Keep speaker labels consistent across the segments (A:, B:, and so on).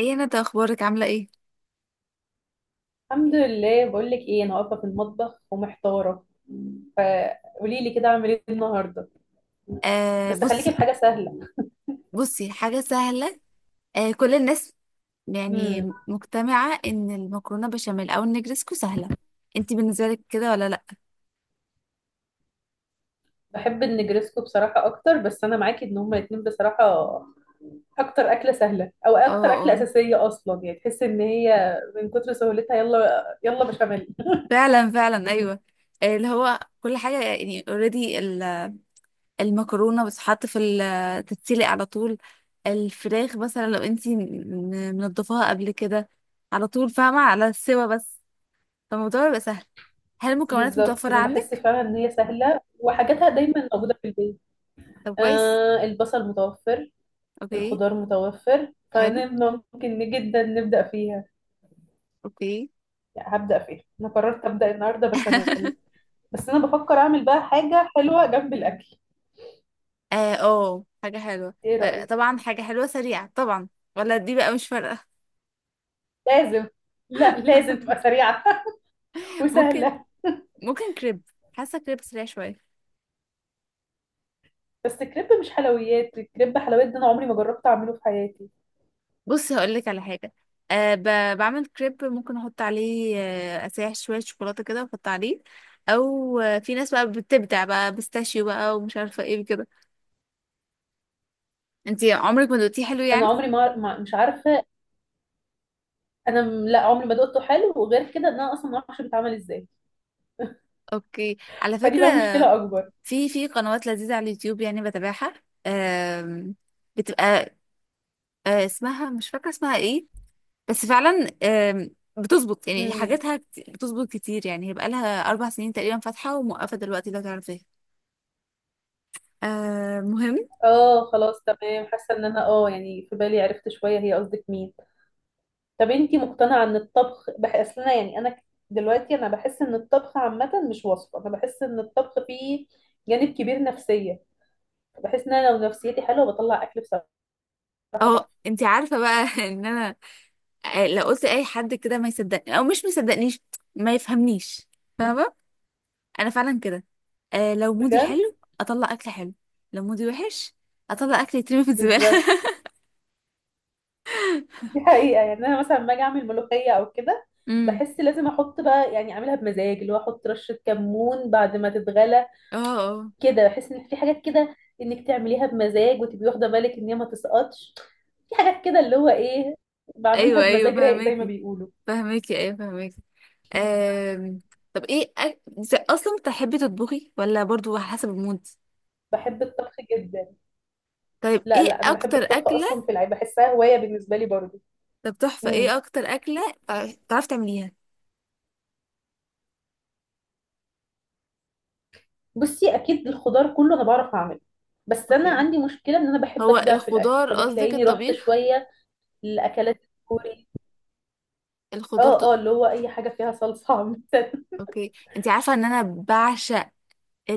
A: ايه؟ انا طيب، اخبارك عامله ايه؟
B: الحمد لله، بقول لك ايه، انا واقفه في المطبخ ومحتاره، فقولي لي كده اعمل ايه النهارده.
A: آه،
B: بس خليكي في
A: بصي.
B: حاجه سهله.
A: بصي، حاجه سهله. آه، كل الناس يعني
B: امم
A: مجتمعه ان المكرونه بشاميل او النجرسكو سهله. انتي بالنسبه لك كده ولا لا؟
B: بحب النجرسكو بصراحه اكتر، بس انا معاكي ان هما الاتنين بصراحه اكتر اكله سهله، او
A: اه،
B: اكتر اكله
A: اه،
B: اساسيه اصلا. يعني تحس ان هي من كتر سهولتها يلا يلا بشاميل.
A: فعلا، فعلا، ايوه. اللي هو كل حاجه يعني اوريدي. المكرونه بتتحط تتسلق على طول. الفراخ مثلا لو انتي منضفاها قبل كده على طول، فاهمه، على السوا بس. فالموضوع بيبقى سهل. هل المكونات
B: بالظبط،
A: متوفره
B: انا بحس
A: عندك؟
B: فعلا ان هي سهله وحاجاتها دايما موجوده في البيت.
A: طب كويس.
B: آه، البصل متوفر،
A: اوكي.
B: الخضار متوفر،
A: حلو.
B: فممكن جدا نبدا فيها.
A: اوكي.
B: لا، هبدأ فيها، انا قررت أبدأ النهارده بشاميل. بس انا بفكر اعمل بقى حاجة حلوة جنب الاكل.
A: اه، أوه، حاجة حلوة.
B: ايه رأيك؟
A: طبعا حاجة حلوة سريعة طبعا، ولا دي بقى مش فارقة.
B: لازم. لا، لازم تبقى سريعة
A: ممكن.
B: وسهلة.
A: ممكن كريب. حاسة كريب سريع شوية.
B: بس كريب مش حلويات؟ الكريب حلويات، ده انا عمري ما جربت اعمله في حياتي.
A: بصي، هقولك على حاجة. أه ب... بعمل كريب، ممكن احط عليه اسيح شوية شوكولاتة كده واحط عليه. او في ناس بقى بتبدع بقى بيستاشيو بقى ومش عارفة ايه كده. انتي عمرك ما دوقتيه حلو
B: انا
A: يعني؟
B: عمري مش عارفة. لا، عمري ما دقته حلو، وغير كده ان انا اصلا ما اعرفش بيتعمل ازاي.
A: اوكي، على
B: فدي
A: فكرة.
B: بقى مشكلة اكبر.
A: في قنوات لذيذة على اليوتيوب يعني بتابعها. آم، بتبقى اسمها، مش فاكرة اسمها ايه. بس فعلا بتظبط يعني
B: امم
A: حاجاتها بتظبط كتير يعني. هي بقالها أربع سنين تقريبا فاتحة وموقفة دلوقتي لو تعرفيها. آه، مهم.
B: اه خلاص تمام، حاسة ان انا اه يعني في بالي، عرفت شوية هي قصدك مين. طب انتي مقتنعة ان الطبخ؟ بحس انا يعني انا دلوقتي انا بحس ان الطبخ عامة مش وصفة، انا بحس ان الطبخ فيه جانب كبير نفسية. بحس ان انا لو نفسيتي حلوة بطلع اكل بصراحة تحفة.
A: اه، انت عارفة بقى ان انا، لو قلت اي حد كده ما يصدقني او مش مصدقنيش، ما يفهمنيش، فاهمة. انا فعلا كده. لو مودي
B: بجد
A: حلو اطلع اكل حلو، لو مودي وحش اطلع اكل يترمي في الزبالة.
B: بالظبط، دي حقيقة. يعني انا مثلا لما اجي اعمل ملوخية او كده
A: امم.
B: بحس لازم احط بقى، يعني اعملها بمزاج، اللي هو احط رشة كمون بعد ما تتغلى
A: اه، اه،
B: كده. بحس ان في حاجات كده انك تعمليها بمزاج وتبقي واخدة بالك ان هي ما تسقطش. في حاجات كده اللي هو ايه، بعملها
A: ايوه، ايوه
B: بمزاج رايق زي ما
A: فهماكي،
B: بيقولوا.
A: فهماكي، ايوه فهماكي. آم، طب، ايه اصلا بتحبي تطبخي ولا برضو على حسب المود؟
B: بحب الطبخ جدا.
A: طيب،
B: لا
A: ايه
B: لا، انا بحب
A: اكتر
B: الطبخ
A: اكله؟
B: اصلا في العيب، بحسها هوايه بالنسبه لي برضو.
A: طب تحفه،
B: امم
A: ايه اكتر اكله تعرفي تعمليها؟
B: بصي، اكيد الخضار كله انا بعرف اعمله، بس انا
A: اوكي.
B: عندي مشكله ان انا بحب
A: هو
B: ابدع في الاكل،
A: الخضار قصدك
B: فبتلاقيني رحت
A: الطبيخ؟
B: شويه للاكلات الكوري.
A: الخضار
B: اه اه، اللي هو اي حاجه فيها صلصه عامه.
A: اوكي. انت عارفه ان انا بعشق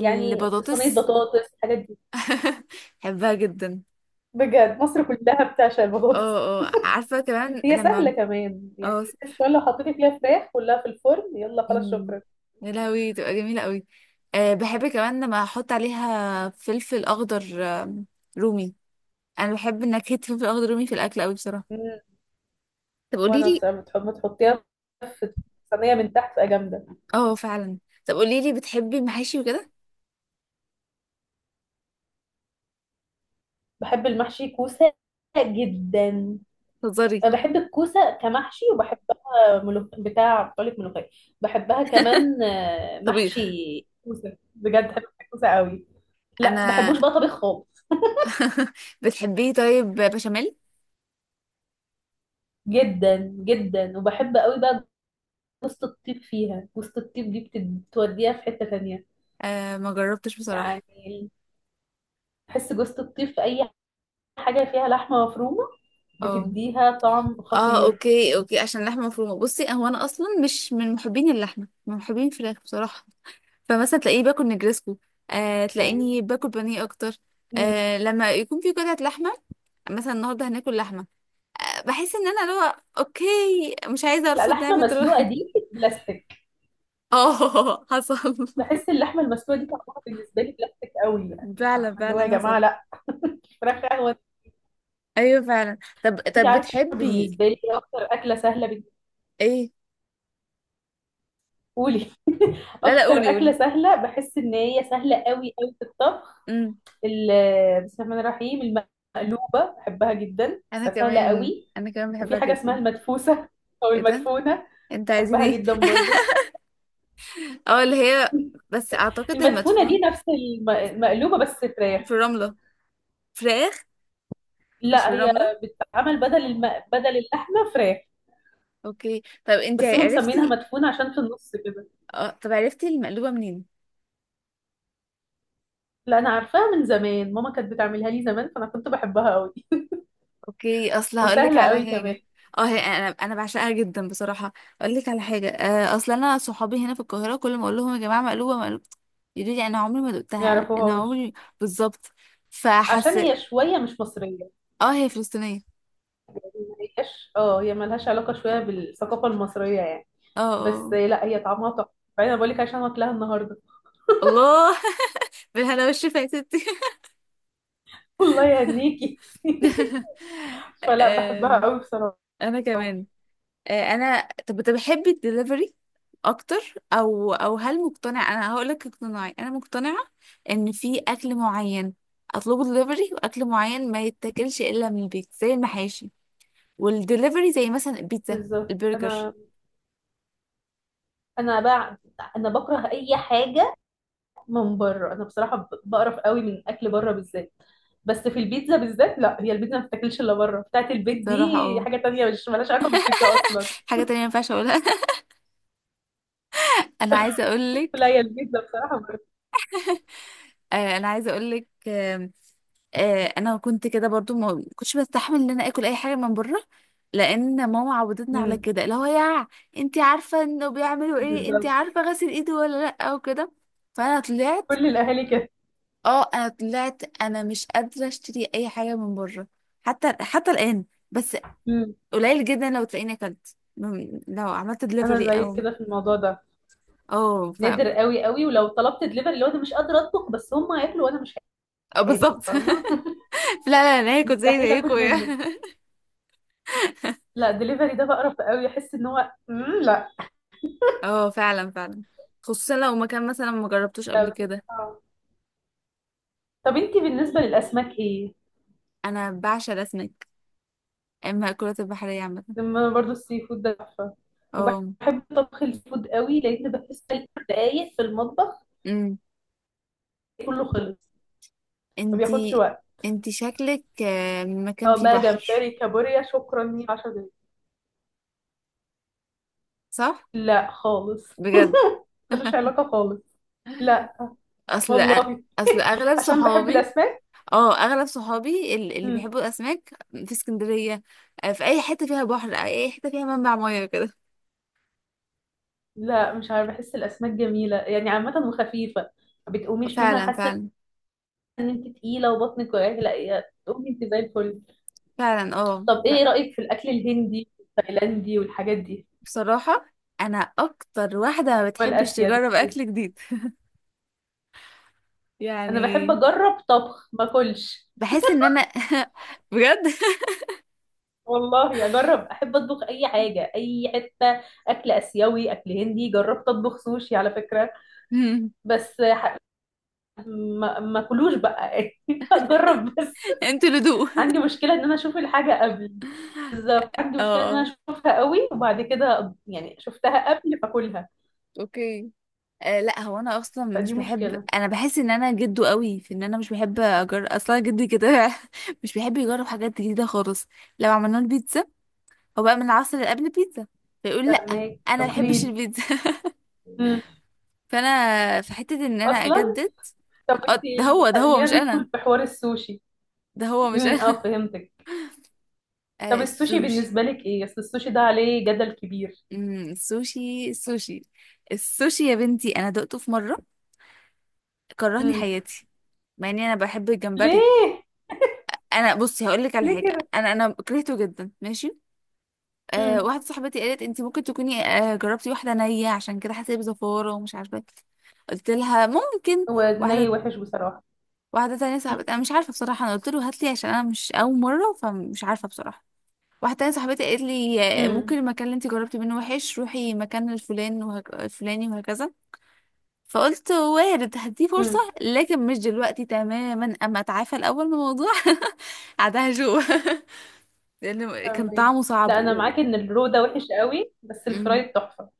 B: يعني صينيه بطاطس، الحاجات دي.
A: بحبها جدا.
B: بجد مصر كلها بتعشق البطاطس.
A: اه، اه، عارفه كمان
B: هي
A: لما
B: سهله كمان يعني،
A: اه
B: بس كمان لو حطيتي فيها فراخ كلها في الفرن، يلا خلاص
A: أمم،
B: شكرا.
A: يا لهوي، تبقى جميله قوي. بحب كمان لما احط عليها فلفل اخضر، رومي. انا بحب نكهة الفلفل الاخضر الرومي في الاكل قوي بصراحة.
B: مم.
A: طب قولي
B: وانا
A: لي.
B: بصراحه بتحب ما تحطيها في صينيه من تحت بقى جامده.
A: اه، فعلا. طب قولي لي، بتحبي المحاشي وكده؟
B: بحب المحشي كوسة جدا.
A: تهزري؟
B: أنا بحب الكوسة كمحشي، وبحبها بتاع، بقولك ملوخية. بحبها كمان آه، محشي
A: طبيخ.
B: كوسة. بجد بحب الكوسة قوي. لا
A: انا
B: بحبوش بقى طبيخ خالص
A: بتحبيه طيب بشاميل؟
B: جدا جدا، وبحب قوي بقى جوزة الطيب فيها، جوزة الطيب دي بتوديها في حتة تانية.
A: ما جربتش بصراحة.
B: يعني بحس جوزة الطيب في أي حاجة فيها لحمة مفرومة
A: اه،
B: بتديها طعم
A: اه،
B: خطير.
A: اوكي، اوكي، عشان لحمة مفرومة. بصي، هو انا اصلا مش من محبين اللحمة، من محبين الفراخ بصراحة. فمثلا تلاقيه باكل نجرسكو،
B: يعني
A: تلاقيني باكل بانيه اكتر.
B: مم.
A: لما يكون في قطعة لحمة، مثلا النهارده هناكل لحمة، بحس ان انا لو اوكي، مش عايزة
B: لا،
A: ارفض
B: لحمة
A: نعمة.
B: مسلوقة دي بلاستيك.
A: اه. حصل.
B: بحس اللحمه المسلوقه دي طعمها بالنسبه لي بلاستيك قوي، يعني آه،
A: فعلا،
B: اللي هو يا
A: فعلا
B: جماعه
A: حصل.
B: لا فراخ قهوه.
A: ايوه فعلا. طب
B: انت
A: طب
B: عارفه
A: بتحبي
B: بالنسبه لي إيه اكتر اكله سهله بالنسبه
A: ايه؟
B: لي؟
A: لا، لا،
B: اكتر
A: قولي،
B: اكله
A: قولي.
B: سهله بحس ان هي سهله قوي قوي في الطبخ.
A: امم.
B: بسم الله الرحمن الرحيم، المقلوبه بحبها جدا،
A: انا
B: فسهله
A: كمان،
B: قوي.
A: انا كمان
B: وفي
A: بحبها
B: حاجه اسمها
A: جدا.
B: المدفوسه او
A: ايه ده؟
B: المدفونه،
A: انت عايزين
B: بحبها
A: ايه؟
B: جدا برضو.
A: اه، اللي هي، بس اعتقد
B: المدفونه دي
A: المدفون
B: نفس المقلوبه بس فراخ.
A: في الرملة، فراخ، مش في
B: لا، هي
A: الرملة.
B: بتتعمل بدل بدل اللحمه فراخ،
A: اوكي طب، انت
B: بس هم مسمينها
A: عرفتي.
B: مدفونة عشان في النص كده.
A: اه، طب عرفتي المقلوبة منين؟
B: لا، انا عارفاها من زمان، ماما كانت بتعملها لي زمان فانا كنت بحبها قوي،
A: اوكي، اصل هقول لك
B: وسهلة
A: على
B: قوي كمان.
A: حاجه. اه، هي انا بعشقها جدا بصراحه. اقول لك على حاجه. اصل انا صحابي هنا في القاهره كل ما اقول لهم يا جماعه مقلوبه مقلوبه، يقولوا لي انا عمري ما
B: ما
A: دقتها، انا
B: يعرفوهاش
A: عمري. بالظبط. فحس.
B: عشان هي شوية مش مصرية.
A: اه، هي فلسطينيه.
B: ما هياش، اه، هي ملهاش علاقة شوية بالثقافة المصرية يعني.
A: اه، اه،
B: بس
A: اه.
B: لا، هي طعمها تحفة، فانا بقول لك عشان واكلها النهاردة.
A: الله. بالهنا والشفا يا ستي.
B: والله يهنيكي. فلا، بحبها
A: آم،
B: قوي بصراحة.
A: انا كمان. انا طب، بتحبي الدليفري اكتر؟ او هل مقتنع؟ انا هقولك اقتناعي. انا مقتنعه ان في اكل معين اطلبه دليفري، واكل معين ما يتاكلش الا من البيت زي المحاشي، والدليفري زي مثلا البيتزا،
B: بالظبط،
A: البرجر.
B: انا بقى انا بكره اي حاجة من بره. انا بصراحه بقرف قوي من اكل بره بالذات. بس في البيتزا بالذات، لا، هي البيتزا ما بتاكلش الا بره بتاعت البيت
A: صراحه،
B: دي.
A: اه.
B: حاجه تانية مش مالهاش علاقه بالبيتزا اصلا
A: حاجه تانية ما ينفعش اقولها. انا عايزه اقولك.
B: لا، هي البيتزا بصراحه بره.
A: انا عايزه اقولك. انا كنت كده برضو ما كنتش بستحمل ان انا اكل اي حاجه من بره، لان ماما عودتنا على
B: امم
A: كده، اللي هو يا، انت عارفه انه بيعملوا ايه، انت
B: بالظبط،
A: عارفه غسل ايده ولا لا وكده. فانا طلعت.
B: كل الاهالي كده.
A: اه، انا طلعت انا مش قادره اشتري اي حاجه من بره حتى الان. بس
B: امم
A: قليل جدا لو تلاقيني لو عملت
B: انا
A: دليفري
B: زيك
A: او،
B: كده في الموضوع ده،
A: اه، ف،
B: نادر
A: اه،
B: قوي قوي. ولو طلبت دليفري لو انا مش قادره اطبخ، بس هم هياكلوا وانا مش هاكل،
A: بالظبط.
B: فاهمه؟
A: لا، لا، انا هاكل زي
B: مستحيل
A: زيكم.
B: اكل منه. لا، دليفري ده بقرف قوي، احس ان هو لا
A: اه فعلا، فعلا، خصوصا لو مكان مثلا ما جربتوش قبل
B: لا.
A: كده.
B: آه. طب انتي بالنسبه للاسماك ايه؟
A: انا بعشق الاسماك، اما المأكولات البحرية عامة.
B: لما انا برضو السي فود ده تحفه،
A: اه.
B: وبحب طبخ الفود قوي، لان بحس إن دقايق في المطبخ
A: امم.
B: كله خلص، ما بياخدش
A: انتي
B: وقت.
A: انتي شكلك من مكان
B: سواء
A: فيه
B: بقى
A: بحر.
B: جمبري كابوريا، شكرا، لي 10 دقايق،
A: صح.
B: لا خالص،
A: بجد.
B: ملوش علاقه خالص، لا
A: اصل.
B: والله،
A: اصل اغلب
B: عشان بحب
A: صحابي،
B: الاسماك.
A: اه، اغلب صحابي اللي
B: مم.
A: بيحبوا الاسماك في اسكندرية. في اي حتة فيها بحر، اي حتة فيها منبع مياه كده.
B: لا، مش عارفه، بحس الاسماك جميله يعني عامه وخفيفه، ما بتقوميش منها
A: فعلا،
B: حاسه
A: فعلا،
B: ان انت تقيله وبطنك وجعك. لا، يا تقومي انت زي الفل.
A: فعلا. اه
B: طب ايه رايك في الاكل الهندي والتايلاندي والحاجات دي
A: بصراحة، انا اكتر واحدة ما بتحبش
B: والاسيوي؟
A: تجرب اكل جديد،
B: انا بحب
A: يعني
B: اجرب طبخ ما اكلش.
A: بحس ان انا بجد.
B: والله اجرب، احب اطبخ اي حاجه اي حته، اكل اسيوي اكل هندي. جربت اطبخ سوشي على فكره، بس ما كلوش بقى اجرب بس.
A: انتوا لدو اه.
B: عندي مشكله ان انا اشوف الحاجه قبل، عندي مشكله ان انا
A: اه.
B: اشوفها قوي وبعد كده، يعني شفتها قبل فاكلها،
A: اوكي. لا هو انا اصلا مش
B: فدي
A: بحب،
B: مشكله.
A: انا بحس ان انا جدو قوي في ان انا مش بحب اجرب اصلا، جدي كده مش بيحب يجرب حاجات جديده خالص. لو عملنا له بيتزا، هو بقى من العصر اللي قبل البيتزا، فيقول لا
B: فاهمك،
A: انا ما بحبش
B: تقليد.
A: البيتزا.
B: مم.
A: فانا في حته ان انا
B: اصلا
A: اجدد.
B: طب انت
A: اه، ده هو
B: خلينا
A: مش انا.
B: ندخل في حوار السوشي.
A: ده هو مش انا.
B: اه فهمتك. طب السوشي
A: السوشي.
B: بالنسبة لك ايه؟ اصل السوشي ده عليه جدل كبير.
A: امم. السوشي، السوشي. السوشي يا بنتي، انا دقته في مره، كرهني
B: امم
A: حياتي مع اني انا بحب الجمبري.
B: ليه؟
A: انا بصي هقول لك على
B: ليه
A: حاجه.
B: كده؟
A: انا كرهته جدا ماشي.
B: امم
A: واحده صاحبتي قالت انت ممكن تكوني جربتي واحده نيه، عشان كده حسيت بزفاره ومش عارفه إيه. قلت لها ممكن.
B: هو ني
A: واحده،
B: وحش بصراحة.
A: واحده تانية صاحبتي، انا مش عارفه بصراحه، انا قلت له هات لي عشان انا مش اول مره، فمش عارفه بصراحه. واحده تانية صاحبتي قالت لي
B: امم
A: ممكن المكان اللي انت جربتي منه وحش، روحي مكان الفلان الفلاني وهكذا. فقلت وارد، هديه فرصه،
B: امم
A: لكن مش دلوقتي تماما، اما اتعافى الاول من الموضوع. عادها شو، لأن كان
B: فاهمة.
A: طعمه صعب
B: لا انا معاكي ان الرو ده وحش قوي بس
A: امم.
B: الفرايد تحفة.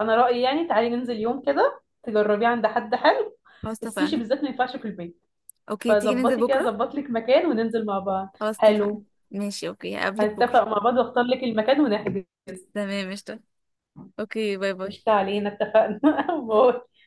B: انا رأيي يعني تعالي ننزل يوم كده تجربيه عند حد حلو.
A: خلاص
B: السوشي
A: اتفقنا.
B: بالذات ما ينفعش في البيت،
A: اوكي، تيجي ننزل
B: فظبطي كده،
A: بكرة.
B: ظبط لك مكان وننزل مع بعض،
A: خلاص اتفقنا.
B: حلو.
A: ماشي، اوكي، هقابلك بكرة.
B: هنتفق مع بعض واختار لك المكان ونحجز.
A: تمام قشطة. اوكي، باي
B: قشطة،
A: باي.
B: علينا اتفقنا. باي.